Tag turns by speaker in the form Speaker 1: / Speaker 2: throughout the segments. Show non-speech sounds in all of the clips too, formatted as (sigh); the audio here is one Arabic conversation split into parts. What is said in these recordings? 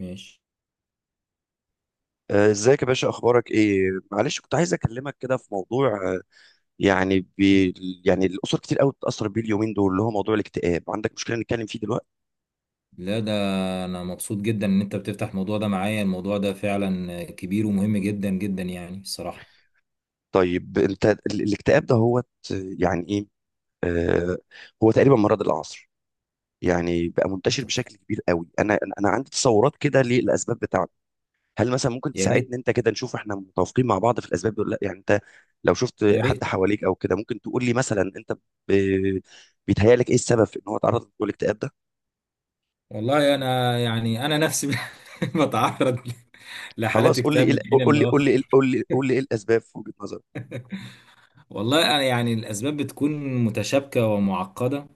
Speaker 1: ماشي.
Speaker 2: ازيك يا باشا، اخبارك ايه؟ معلش، كنت عايز اكلمك كده في موضوع. آه، يعني بي يعني الاسر كتير قوي بتتاثر بيه اليومين دول، اللي هو موضوع الاكتئاب. عندك مشكله نتكلم فيه دلوقتي؟
Speaker 1: لا، ده انا مبسوط جدا ان انت بتفتح الموضوع ده معايا. الموضوع ده فعلا كبير ومهم جدا جدا، يعني الصراحة.
Speaker 2: طيب انت الاكتئاب ده هو يعني ايه؟ آه هو تقريبا مرض العصر، يعني بقى منتشر بشكل كبير قوي. انا انا أنا عندي تصورات كده للاسباب بتاعته. هل مثلا ممكن
Speaker 1: يا
Speaker 2: تساعدني
Speaker 1: ريت.
Speaker 2: انت كده، نشوف احنا متوافقين مع بعض في الاسباب دول ولا لا؟ يعني انت لو شفت
Speaker 1: يا ريت.
Speaker 2: حد حواليك او كده، ممكن تقول لي مثلا انت ب- بيتهيألك ايه السبب في ان هو اتعرض للاكتئاب ده؟
Speaker 1: والله انا يعني انا نفسي (laughs) بتعرض لحالات
Speaker 2: خلاص، قول لي
Speaker 1: اكتئاب
Speaker 2: ايه
Speaker 1: من
Speaker 2: ال-
Speaker 1: حين
Speaker 2: قول لي قول
Speaker 1: لاخر.
Speaker 2: لي قول لي قول لي ايه الاسباب في وجهة نظرك.
Speaker 1: والله انا يعني الاسباب بتكون متشابكه ومعقده.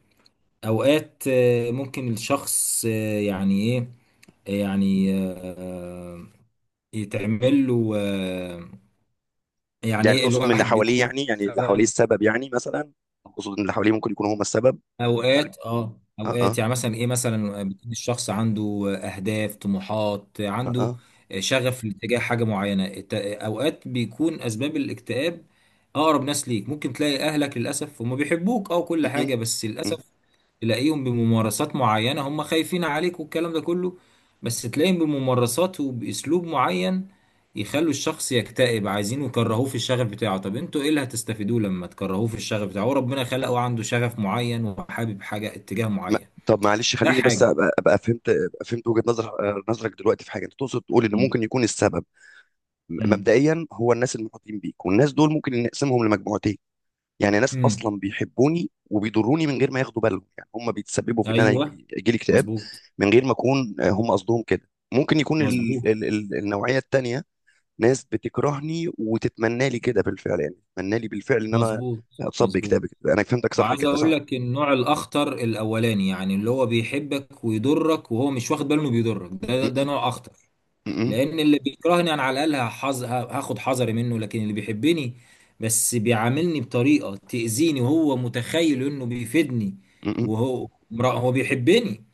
Speaker 1: اوقات ممكن الشخص يعني ايه، يعني يتعمل له، يعني
Speaker 2: يعني
Speaker 1: ايه،
Speaker 2: تقصد من اللي
Speaker 1: الواحد
Speaker 2: حواليه؟
Speaker 1: بيكون
Speaker 2: يعني اللي حواليه
Speaker 1: مثلا
Speaker 2: السبب؟ يعني مثلا تقصد ان اللي حواليه ممكن يكونوا هم السبب.
Speaker 1: اوقات، اه،
Speaker 2: اه اه
Speaker 1: اوقات يعني مثلا ايه، مثلا بيكون الشخص عنده، اهداف طموحات
Speaker 2: اه
Speaker 1: عنده،
Speaker 2: اه
Speaker 1: شغف لاتجاه حاجه معينه. اوقات بيكون اسباب الاكتئاب اقرب ناس ليك. ممكن تلاقي اهلك للاسف هم بيحبوك او
Speaker 2: م-
Speaker 1: كل
Speaker 2: م-
Speaker 1: حاجه، بس
Speaker 2: م.
Speaker 1: للاسف تلاقيهم بممارسات معينة، هم خايفين عليك والكلام ده كله، بس تلاقيهم بممارسات وبأسلوب معين يخلوا الشخص يكتئب. عايزين يكرهوه في الشغف بتاعه، طب انتوا ايه اللي هتستفيدوه لما تكرهوه في الشغف بتاعه؟ هو ربنا خلقه عنده شغف معين وحابب حاجة اتجاه
Speaker 2: ما-
Speaker 1: معين.
Speaker 2: طب معلش،
Speaker 1: ده
Speaker 2: خليني بس
Speaker 1: حاجة.
Speaker 2: ابقى فهمت، ابقى فهمت وجهة نظر نظرك دلوقتي في حاجه. انت تقصد تقول ان
Speaker 1: مم.
Speaker 2: ممكن يكون السبب
Speaker 1: مم.
Speaker 2: مبدئيا هو الناس المحيطين بيك، والناس دول ممكن نقسمهم لمجموعتين. يعني ناس
Speaker 1: مم.
Speaker 2: اصلا بيحبوني وبيضروني من غير ما ياخدوا بالهم، يعني هم بيتسببوا في ان انا
Speaker 1: ايوه.
Speaker 2: يجي لي اكتئاب
Speaker 1: مظبوط.
Speaker 2: من غير ما اكون هم قصدهم كده. ممكن يكون ال
Speaker 1: مظبوط.
Speaker 2: ال ال النوعيه التانيه ناس بتكرهني وتتمنى لي كده بالفعل، يعني تتمنى لي بالفعل ان انا
Speaker 1: مظبوط.
Speaker 2: اتصاب
Speaker 1: مظبوط.
Speaker 2: باكتئاب كده. انا فهمتك صح
Speaker 1: وعايز
Speaker 2: كده، صح
Speaker 1: اقول
Speaker 2: كده.
Speaker 1: لك النوع الاخطر الاولاني، يعني اللي هو بيحبك ويضرك وهو مش واخد باله انه بيضرك، ده
Speaker 2: م-
Speaker 1: ده, ده
Speaker 2: م-
Speaker 1: نوع اخطر،
Speaker 2: م-
Speaker 1: لان اللي بيكرهني انا على الاقل هاخد حذري منه، لكن اللي بيحبني بس بيعاملني بطريقه تاذيني وهو متخيل انه بيفيدني.
Speaker 2: م-
Speaker 1: هو بيحبني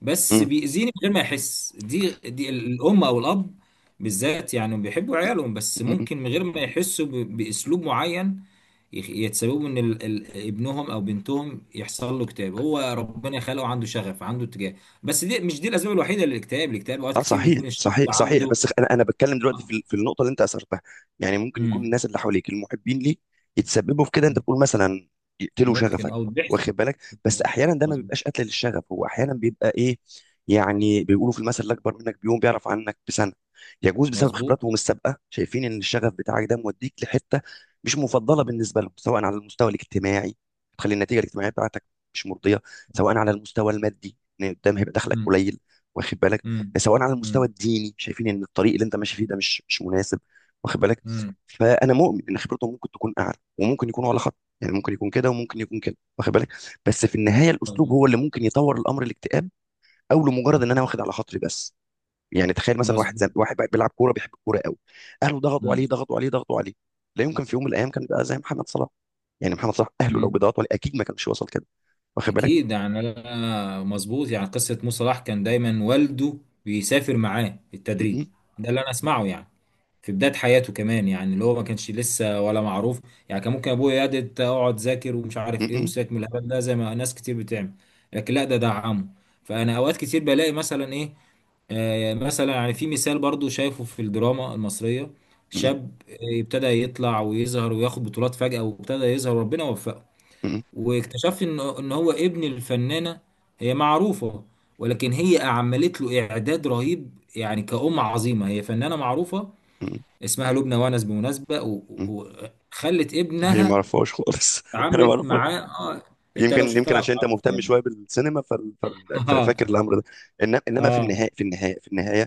Speaker 1: بس
Speaker 2: م-
Speaker 1: بيأذيني من غير ما يحس. دي الام او الاب بالذات يعني بيحبوا عيالهم، بس
Speaker 2: م- م-
Speaker 1: ممكن من غير ما يحسوا ب... باسلوب معين يتسببوا ان ابنهم او بنتهم يحصل له اكتئاب. هو ربنا خلقه عنده شغف، عنده اتجاه. بس دي مش دي الاسباب الوحيده للاكتئاب. الاكتئاب اوقات
Speaker 2: اه،
Speaker 1: كتير
Speaker 2: صحيح
Speaker 1: بيكون الشخص
Speaker 2: صحيح صحيح.
Speaker 1: عنده.
Speaker 2: بس انا بتكلم دلوقتي في النقطه اللي انت اثرتها. يعني ممكن يكون
Speaker 1: امم.
Speaker 2: الناس اللي حواليك المحبين ليك يتسببوا في كده. انت بتقول مثلا يقتلوا
Speaker 1: ممكن،
Speaker 2: شغفك،
Speaker 1: او بيحصل.
Speaker 2: واخد بالك؟ بس
Speaker 1: مظبوط.
Speaker 2: احيانا ده ما
Speaker 1: مظبوط.
Speaker 2: بيبقاش قتل للشغف، هو احيانا بيبقى ايه؟ يعني بيقولوا في المثل: الاكبر منك بيوم بيعرف عنك بسنه. يجوز بسبب
Speaker 1: مظبوط.
Speaker 2: خبراتهم السابقه شايفين ان الشغف بتاعك ده موديك لحته مش مفضله بالنسبه لهم، سواء على المستوى الاجتماعي، تخلي النتيجه الاجتماعيه بتاعتك مش مرضيه، سواء على المستوى المادي ان قدام هيبقى دخلك
Speaker 1: امم.
Speaker 2: قليل، واخد بالك؟
Speaker 1: امم.
Speaker 2: سواء على المستوى
Speaker 1: امم.
Speaker 2: الديني شايفين ان الطريق اللي انت ماشي فيه ده مش مناسب، واخد بالك؟
Speaker 1: امم.
Speaker 2: فانا مؤمن ان خبرتهم ممكن تكون اعلى، وممكن يكونوا على خط، يعني ممكن يكون كده وممكن يكون كده، واخد بالك؟ بس في النهايه الاسلوب
Speaker 1: مظبوط.
Speaker 2: هو اللي ممكن يطور الامر الاكتئاب، او لمجرد ان انا واخد على خاطري بس. يعني تخيل مثلا
Speaker 1: مظبوط.
Speaker 2: واحد بقى بيلعب كوره، بيحب الكوره قوي، اهله ضغطوا عليه
Speaker 1: امم.
Speaker 2: ضغطوا عليه. لا يمكن في يوم من الايام كان بقى زي محمد صلاح. يعني محمد صلاح اهله لو
Speaker 1: امم.
Speaker 2: بيضغطوا عليه اكيد ما كانش وصل كده، واخد
Speaker 1: اكيد
Speaker 2: بالك؟
Speaker 1: يعني انا مظبوط. يعني قصه موسى صلاح كان دايما والده بيسافر معاه
Speaker 2: م-
Speaker 1: التدريب،
Speaker 2: م-
Speaker 1: ده اللي انا اسمعه يعني، في بدايه حياته كمان، يعني اللي هو ما كانش لسه ولا معروف، يعني كان ممكن ابويا يا دي اقعد ذاكر ومش عارف ايه
Speaker 2: م-
Speaker 1: وساك من الهبل ده زي ما ناس كتير بتعمل، لكن لا، ده دعمه. فانا اوقات كتير بلاقي مثلا ايه، مثلا يعني في مثال برضو شايفه في الدراما المصرية،
Speaker 2: م-
Speaker 1: شاب ابتدى يطلع ويظهر وياخد بطولات فجأة وابتدى يظهر وربنا وفقه،
Speaker 2: م-
Speaker 1: واكتشف ان هو ابن الفنانة، هي معروفة، ولكن هي عملت له اعداد رهيب يعني كأم عظيمة، هي فنانة معروفة
Speaker 2: م- م-
Speaker 1: اسمها لبنى وانس بمناسبة
Speaker 2: م-
Speaker 1: وخلت
Speaker 2: هي ما
Speaker 1: ابنها
Speaker 2: اعرفهاش خالص، (laughs) انا ما
Speaker 1: اتعاملت
Speaker 2: اعرفها.
Speaker 1: معاه. اه، انت لو
Speaker 2: يمكن
Speaker 1: شفتها
Speaker 2: عشان انت
Speaker 1: هتعرفها
Speaker 2: مهتم
Speaker 1: يعني.
Speaker 2: شويه بالسينما،
Speaker 1: (laughs) اه.
Speaker 2: ففاكر الامر ده. انما انما في
Speaker 1: اه.
Speaker 2: النهايه، في النهايه،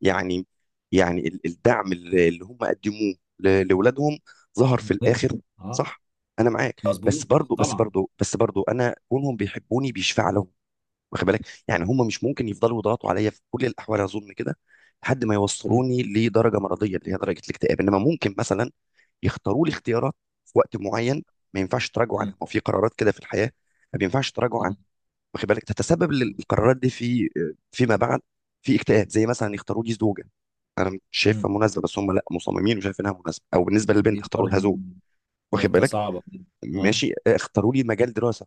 Speaker 2: يعني الدعم اللي هم قدموه لاولادهم ظهر في
Speaker 1: مهم.
Speaker 2: الاخر،
Speaker 1: اه.
Speaker 2: صح؟ انا معاك، بس
Speaker 1: مظبوط.
Speaker 2: برضو
Speaker 1: طبعا.
Speaker 2: انا كونهم بيحبوني بيشفع لهم، واخد بالك؟ يعني هم مش ممكن يفضلوا يضغطوا عليا في كل الاحوال، اظن كده، لحد ما
Speaker 1: مم.
Speaker 2: يوصلوني لدرجه مرضيه اللي هي درجه الاكتئاب. انما ممكن مثلا يختاروا لي اختيارات في وقت معين ما ينفعش تراجعوا عنها، ما هو في قرارات كده في الحياه ما ينفعش تراجعوا عنها،
Speaker 1: مم.
Speaker 2: واخد بالك؟ تتسبب القرارات دي في فيما بعد في اكتئاب. زي مثلا يختاروا لي زوجه انا مش
Speaker 1: مم.
Speaker 2: شايفها مناسبه بس هم لا مصممين وشايف انها مناسبه، او بالنسبه
Speaker 1: دي
Speaker 2: للبنت اختاروا
Speaker 1: برضو
Speaker 2: لها زوج، واخد
Speaker 1: نقطة
Speaker 2: بالك؟
Speaker 1: صعبة. اه،
Speaker 2: ماشي، اختاروا لي مجال دراسه،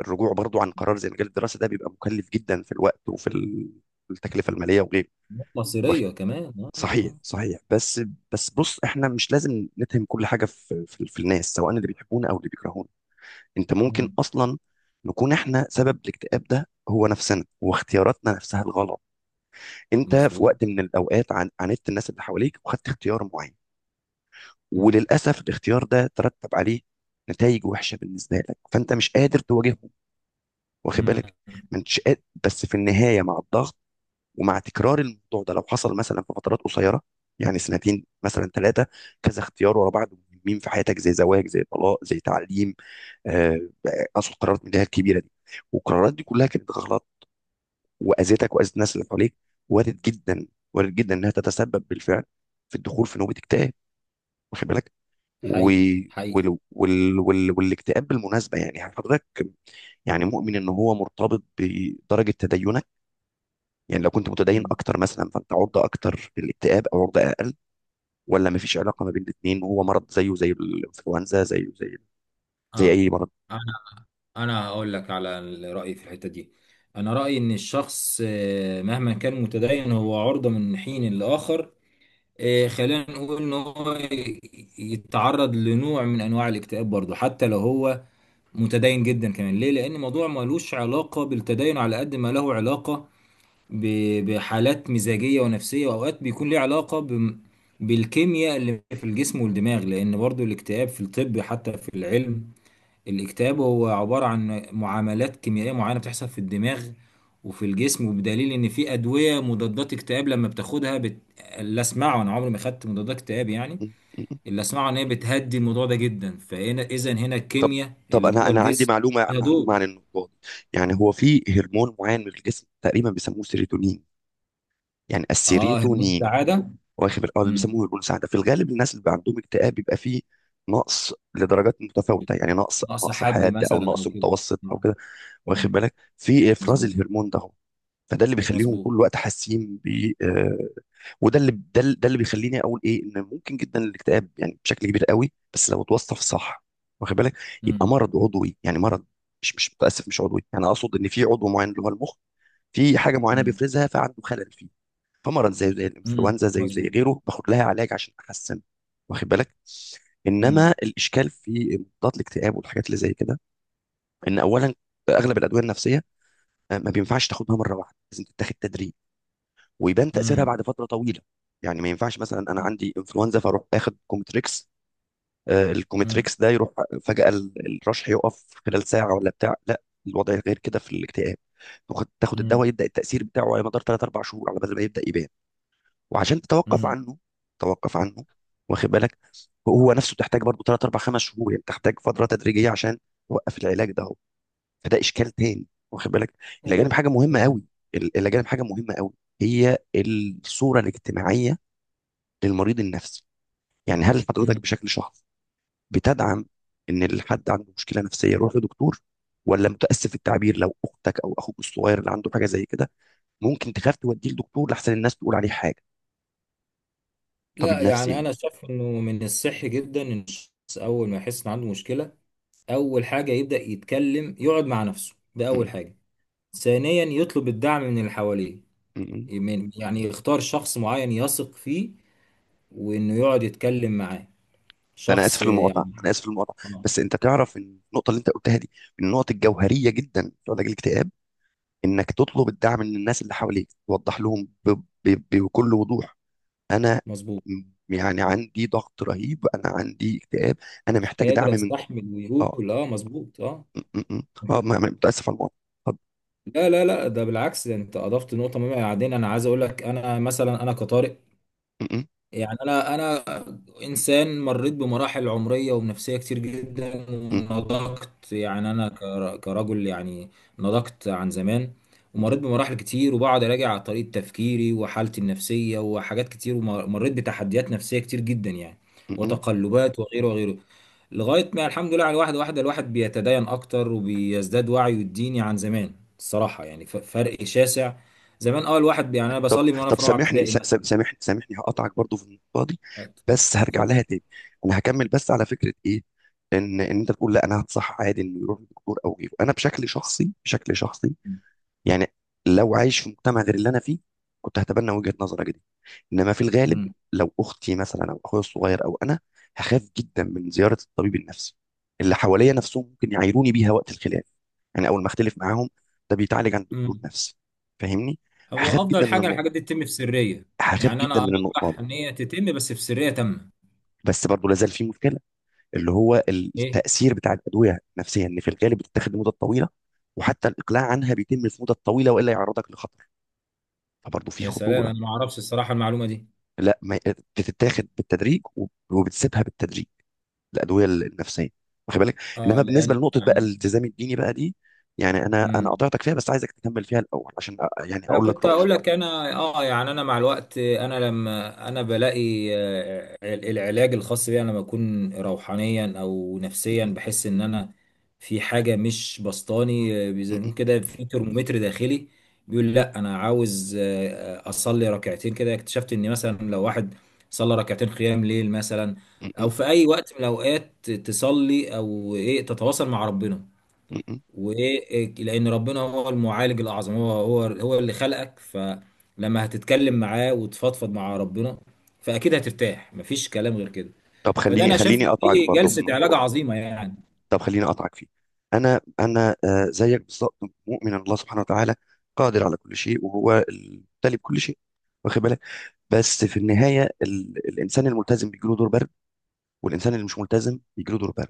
Speaker 2: الرجوع برضو عن قرار زي مجال الدراسه ده بيبقى مكلف جدا في الوقت وفي التكلفه الماليه وغيره.
Speaker 1: مصيرية كمان. اه.
Speaker 2: صحيح
Speaker 1: اه.
Speaker 2: صحيح. بس بص، احنا مش لازم نتهم كل حاجه في الناس سواء اللي بيحبونا او اللي بيكرهونا. انت ممكن
Speaker 1: مم.
Speaker 2: اصلا نكون احنا سبب الاكتئاب ده، هو نفسنا واختياراتنا نفسها الغلط. انت في
Speaker 1: مظبوط.
Speaker 2: وقت من الاوقات عاندت الناس اللي حواليك وخدت اختيار معين،
Speaker 1: مم.
Speaker 2: وللاسف الاختيار ده ترتب عليه نتائج وحشه بالنسبه لك، فانت مش قادر تواجههم، واخد
Speaker 1: مم.
Speaker 2: بالك؟ ما انتش قادر. بس في النهايه مع الضغط ومع تكرار الموضوع ده، لو حصل مثلا في فترات قصيره، يعني سنتين مثلا 3، كذا اختيار ورا بعض مهمين في حياتك زي زواج، زي طلاق، زي تعليم، آه، اصل قرارات من اللي هي الكبيره دي، والقرارات دي كلها كانت غلط واذتك واذت الناس اللي حواليك، وارد جدا، وارد جدا انها تتسبب بالفعل في الدخول في نوبه اكتئاب، واخد بالك؟ و...
Speaker 1: حقيقي. حقيقي.
Speaker 2: وال... وال... وال... والاكتئاب بالمناسبه، يعني حضرتك يعني مؤمن ان هو مرتبط بدرجه تدينك؟ يعني لو كنت متدين
Speaker 1: مم.
Speaker 2: اكتر مثلا، فانت عرضه اكتر للاكتئاب او عرضه اقل، ولا مفيش علاقه ما بين الاثنين، وهو مرض زيه زي الانفلونزا، زيه زي زي
Speaker 1: اه.
Speaker 2: اي مرض؟
Speaker 1: انا انا هقول لك على رأيي في الحتة دي. انا رأيي ان الشخص مهما كان متدين هو عرضة من حين لآخر، خلينا نقول ان هو يتعرض لنوع من انواع الاكتئاب برضه، حتى لو هو متدين جدا كمان. ليه؟ لان الموضوع ملوش علاقه بالتدين على قد ما له علاقه بحالات مزاجيه ونفسيه، واوقات بيكون ليه علاقه بالكيمياء اللي في الجسم والدماغ، لان برضو الاكتئاب في الطب حتى في العلم، الاكتئاب هو عباره عن معاملات كيميائيه معينه بتحصل في الدماغ وفي الجسم، وبدليل ان في ادويه مضادات اكتئاب لما بتاخدها بت... لا اسمعوا، انا عمري ما خدت مضادات اكتئاب يعني،
Speaker 2: م- م.
Speaker 1: اللي اسمعه ان هي بتهدي الموضوع ده جدا، فهنا اذا هنا
Speaker 2: طب
Speaker 1: الكيمياء
Speaker 2: طب
Speaker 1: اللي
Speaker 2: انا
Speaker 1: جوه
Speaker 2: انا عندي
Speaker 1: الجسم
Speaker 2: معلومه،
Speaker 1: ليها دور.
Speaker 2: معلومه عن النقطه دي. يعني هو في هرمون معين من الجسم تقريبا بيسموه سيروتونين، يعني
Speaker 1: اه، هرمون
Speaker 2: السيروتونين،
Speaker 1: السعاده.
Speaker 2: واخد بالك؟ اه، اللي
Speaker 1: امم.
Speaker 2: بيسموه هرمون السعاده. في الغالب الناس اللي بقى عندهم اكتئاب بيبقى فيه نقص لدرجات متفاوته، يعني نقص، او
Speaker 1: ناقص
Speaker 2: نقص
Speaker 1: حد
Speaker 2: حاد، او
Speaker 1: مثلا
Speaker 2: نقص
Speaker 1: او كده.
Speaker 2: متوسط، او
Speaker 1: آه.
Speaker 2: كده، واخد
Speaker 1: مم.
Speaker 2: بالك، في افراز
Speaker 1: مظبوط.
Speaker 2: الهرمون ده. فده اللي بيخليهم
Speaker 1: مظبوط.
Speaker 2: طول الوقت حاسين ب آه، وده ده اللي بيخليني اقول ايه، ان ممكن جدا الاكتئاب يعني بشكل كبير قوي، بس لو اتوصف صح، واخد بالك، يبقى
Speaker 1: امم.
Speaker 2: مرض عضوي. يعني مرض مش متاسف، مش عضوي، يعني اقصد ان في عضو معين اللي هو المخ في حاجه معينه
Speaker 1: امم.
Speaker 2: بيفرزها فعنده خلل فيه. فمرض زيه زي
Speaker 1: امم.
Speaker 2: الانفلونزا، زيه زي
Speaker 1: مظبوط.
Speaker 2: غيره، باخد لها علاج عشان احسن، واخد بالك؟ انما
Speaker 1: امم.
Speaker 2: الاشكال في مضادات الاكتئاب والحاجات اللي زي كده، ان اولا اغلب الادويه النفسيه ما بينفعش تاخدها مره واحده، لازم تتاخد تدريج، ويبان تاثيرها
Speaker 1: امم.
Speaker 2: بعد فتره طويله. يعني ما ينفعش مثلا انا عندي انفلونزا فاروح اخد كومتريكس،
Speaker 1: امم.
Speaker 2: الكومتريكس ده يروح فجاه، الرشح يقف خلال ساعه ولا بتاع؟ لا، الوضع غير كده في الاكتئاب. تاخد
Speaker 1: امم.
Speaker 2: الدواء يبدا التاثير بتاعه على مدار 3 4 شهور على بدل ما يبدا يبان، وعشان تتوقف
Speaker 1: امم.
Speaker 2: عنه توقف عنه، واخد بالك؟ هو نفسه تحتاج برضه 3 4 5 شهور، يعني تحتاج فتره تدريجيه عشان توقف العلاج ده. فده اشكال تاني، واخد بالك. الاجانب
Speaker 1: هو.
Speaker 2: حاجه مهمه
Speaker 1: مم.
Speaker 2: قوي، الاجانب حاجه مهمه قوي، هي الصوره الاجتماعيه للمريض النفسي. يعني هل حضرتك
Speaker 1: مم.
Speaker 2: بشكل شخصي بتدعم ان الحد عنده مشكله نفسيه يروح لدكتور، ولا متاسف التعبير، لو اختك او اخوك الصغير اللي عنده حاجه زي كده، ممكن تخاف توديه لدكتور لحسن الناس تقول عليه حاجه، طبيب
Speaker 1: لا
Speaker 2: نفسي
Speaker 1: يعني
Speaker 2: يعني.
Speaker 1: انا شايف انه من الصحي جدا ان الشخص اول ما يحس ان عنده مشكله اول حاجه يبدا يتكلم، يقعد مع نفسه، ده اول
Speaker 2: م-
Speaker 1: حاجه. ثانيا يطلب الدعم من اللي حواليه،
Speaker 2: م.
Speaker 1: من يعني، يختار شخص معين يثق فيه وانه يقعد يتكلم معاه،
Speaker 2: انا
Speaker 1: شخص
Speaker 2: اسف للمقاطعه،
Speaker 1: يعني. اه.
Speaker 2: بس انت تعرف ان النقطه اللي انت قلتها دي من النقط الجوهريه جدا في علاج الاكتئاب، انك تطلب الدعم من الناس اللي حواليك، توضح لهم بكل وضوح، انا
Speaker 1: مظبوط،
Speaker 2: م- يعني عندي ضغط رهيب، انا عندي اكتئاب، انا
Speaker 1: مش
Speaker 2: محتاج دعم
Speaker 1: قادر
Speaker 2: منكم.
Speaker 1: استحمل
Speaker 2: اه.
Speaker 1: ويقول اه مظبوط اه.
Speaker 2: م. اه متاسف على الموضوع. طب.
Speaker 1: لا لا لا، ده بالعكس، ده انت اضفت نقطه مهمه. بعدين انا عايز اقول لك، انا مثلا انا كطارق،
Speaker 2: م- م-
Speaker 1: يعني انا انسان مريت بمراحل عمريه ونفسيه كتير جدا
Speaker 2: م-
Speaker 1: ونضجت يعني، انا كرجل يعني، نضجت عن زمان،
Speaker 2: م-
Speaker 1: ومريت بمراحل كتير وبقعد اراجع على طريقه تفكيري وحالتي النفسيه وحاجات كتير، ومريت بتحديات نفسيه كتير جدا يعني،
Speaker 2: م.
Speaker 1: وتقلبات وغيره وغيره، لغايه ما الحمد لله على واحده واحده الواحد بيتدين اكتر وبيزداد وعيه الديني عن زمان الصراحه يعني، فرق شاسع زمان. اول واحد يعني انا
Speaker 2: طب
Speaker 1: بصلي من وانا في رابعه
Speaker 2: سامحني،
Speaker 1: ابتدائي مثلا.
Speaker 2: سامحني، هقطعك برضو في النقطه دي،
Speaker 1: اتفضل.
Speaker 2: بس هرجع
Speaker 1: اتفضل.
Speaker 2: لها تاني. انا هكمل بس على فكره ايه، ان انت بتقول لا انا هتصح عادي انه يروح للدكتور او غيره. انا بشكل شخصي، يعني لو عايش في مجتمع غير اللي انا فيه، كنت هتبنى وجهة نظرك دي. انما في الغالب
Speaker 1: مم.
Speaker 2: لو اختي مثلا، او اخويا الصغير، او انا، هخاف جدا من زيارة الطبيب النفسي. اللي حواليا نفسهم ممكن يعايروني بيها وقت الخلاف، يعني اول ما اختلف معاهم: ده بيتعالج عند
Speaker 1: مم.
Speaker 2: دكتور نفسي. فاهمني؟
Speaker 1: هو
Speaker 2: هخاف جدا
Speaker 1: افضل
Speaker 2: من
Speaker 1: حاجه
Speaker 2: النقطة،
Speaker 1: الحاجات دي تتم في سريه.
Speaker 2: هخاف
Speaker 1: يعني
Speaker 2: جدا
Speaker 1: انا
Speaker 2: من النقطة
Speaker 1: ارجح
Speaker 2: دي.
Speaker 1: ان هي تتم بس في سريه تامه.
Speaker 2: بس برضه لازال في مشكلة، اللي هو
Speaker 1: ايه.
Speaker 2: التأثير بتاع الأدوية النفسية، إن في الغالب بتتاخد لمدة طويلة، وحتى الإقلاع عنها بيتم في مدة طويلة، وإلا يعرضك لخطر. فبرضه في
Speaker 1: يا سلام،
Speaker 2: خطورة.
Speaker 1: انا ما اعرفش الصراحه المعلومه دي.
Speaker 2: لا ما بتتاخد بالتدريج، وبتسيبها بالتدريج، الادويه النفسيه، واخد بالك؟
Speaker 1: اه
Speaker 2: انما
Speaker 1: لان
Speaker 2: بالنسبه لنقطه بقى
Speaker 1: يعني.
Speaker 2: الالتزام الديني بقى دي، يعني انا
Speaker 1: مم.
Speaker 2: قطعتك فيها، بس عايزك تكمل فيها الاول عشان يعني
Speaker 1: انا
Speaker 2: اقول
Speaker 1: كنت
Speaker 2: لك رايي.
Speaker 1: اقول لك، انا اه يعني انا مع الوقت انا لما انا بلاقي العلاج الخاص بي، انا لما اكون روحانيا او نفسيا
Speaker 2: م-
Speaker 1: بحس ان انا في حاجه مش بسطاني، زي
Speaker 2: م-
Speaker 1: ما يكون
Speaker 2: م-
Speaker 1: كده في ترمومتر داخلي بيقول لا انا عاوز اصلي ركعتين كده. اكتشفت ان مثلا لو واحد صلى ركعتين قيام ليل مثلا
Speaker 2: م-
Speaker 1: او
Speaker 2: م-
Speaker 1: في اي وقت من الاوقات تصلي او ايه تتواصل مع ربنا،
Speaker 2: م.
Speaker 1: ولان ربنا هو المعالج الاعظم، هو اللي خلقك، فلما هتتكلم معاه وتفضفض مع ربنا فاكيد هترتاح، مفيش كلام غير كده.
Speaker 2: طب
Speaker 1: فده
Speaker 2: خليني
Speaker 1: انا شايف إن
Speaker 2: اقطعك
Speaker 1: دي
Speaker 2: برضه في
Speaker 1: جلسة
Speaker 2: النقطه
Speaker 1: علاج
Speaker 2: دي.
Speaker 1: عظيمة يعني.
Speaker 2: طب خليني اقطعك فيه. انا زيك بالظبط مؤمن ان الله سبحانه وتعالى قادر على كل شيء وهو المبتلي بكل شيء، واخد بالك؟ بس في النهايه الانسان الملتزم بيجيله دور برد، والانسان اللي مش ملتزم بيجيله دور برد.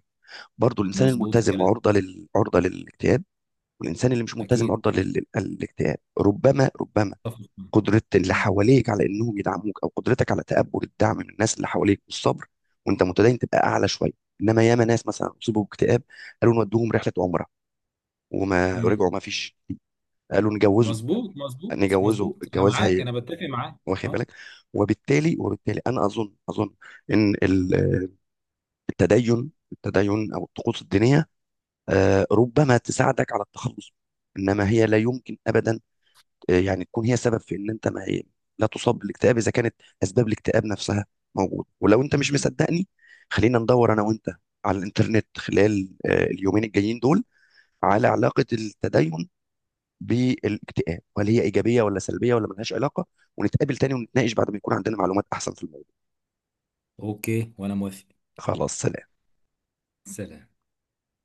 Speaker 2: برضو الانسان
Speaker 1: مظبوط
Speaker 2: الملتزم
Speaker 1: الكلام.
Speaker 2: عرضه للاكتئاب، والانسان اللي مش ملتزم
Speaker 1: اكيد.
Speaker 2: للاكتئاب، ربما
Speaker 1: أتفق معاك.
Speaker 2: قدرة اللي
Speaker 1: مم.
Speaker 2: حواليك على انهم يدعموك، او قدرتك على تقبل الدعم من الناس اللي حواليك والصبر وانت متدين تبقى اعلى شويه. انما ياما ناس مثلا اصيبوا باكتئاب، قالوا نودوهم رحله عمره، وما
Speaker 1: مم.
Speaker 2: ورجعوا ما فيش. قالوا نجوزهم،
Speaker 1: مظبوط مظبوط
Speaker 2: نجوزه
Speaker 1: مظبوط، انا
Speaker 2: الجواز
Speaker 1: معاك،
Speaker 2: هي،
Speaker 1: انا بتفق معاك.
Speaker 2: واخد
Speaker 1: اه.
Speaker 2: بالك؟ وبالتالي انا اظن، ان التدين، التدين او الطقوس الدينيه، ربما تساعدك على التخلص منه، انما هي لا يمكن ابدا، يعني تكون هي سبب في ان انت ما لا تصاب بالاكتئاب اذا كانت اسباب الاكتئاب نفسها موجوده. ولو انت مش
Speaker 1: مم.
Speaker 2: مصدقني، خلينا ندور انا وانت على الانترنت خلال اليومين الجايين دول على علاقه التدين بالاكتئاب، وهل هي ايجابيه ولا سلبيه ولا ملهاش علاقه، ونتقابل تاني ونتناقش بعد ما يكون عندنا معلومات احسن في الموضوع.
Speaker 1: اوكي، وانا موافق.
Speaker 2: خلاص، سلام.
Speaker 1: سلام.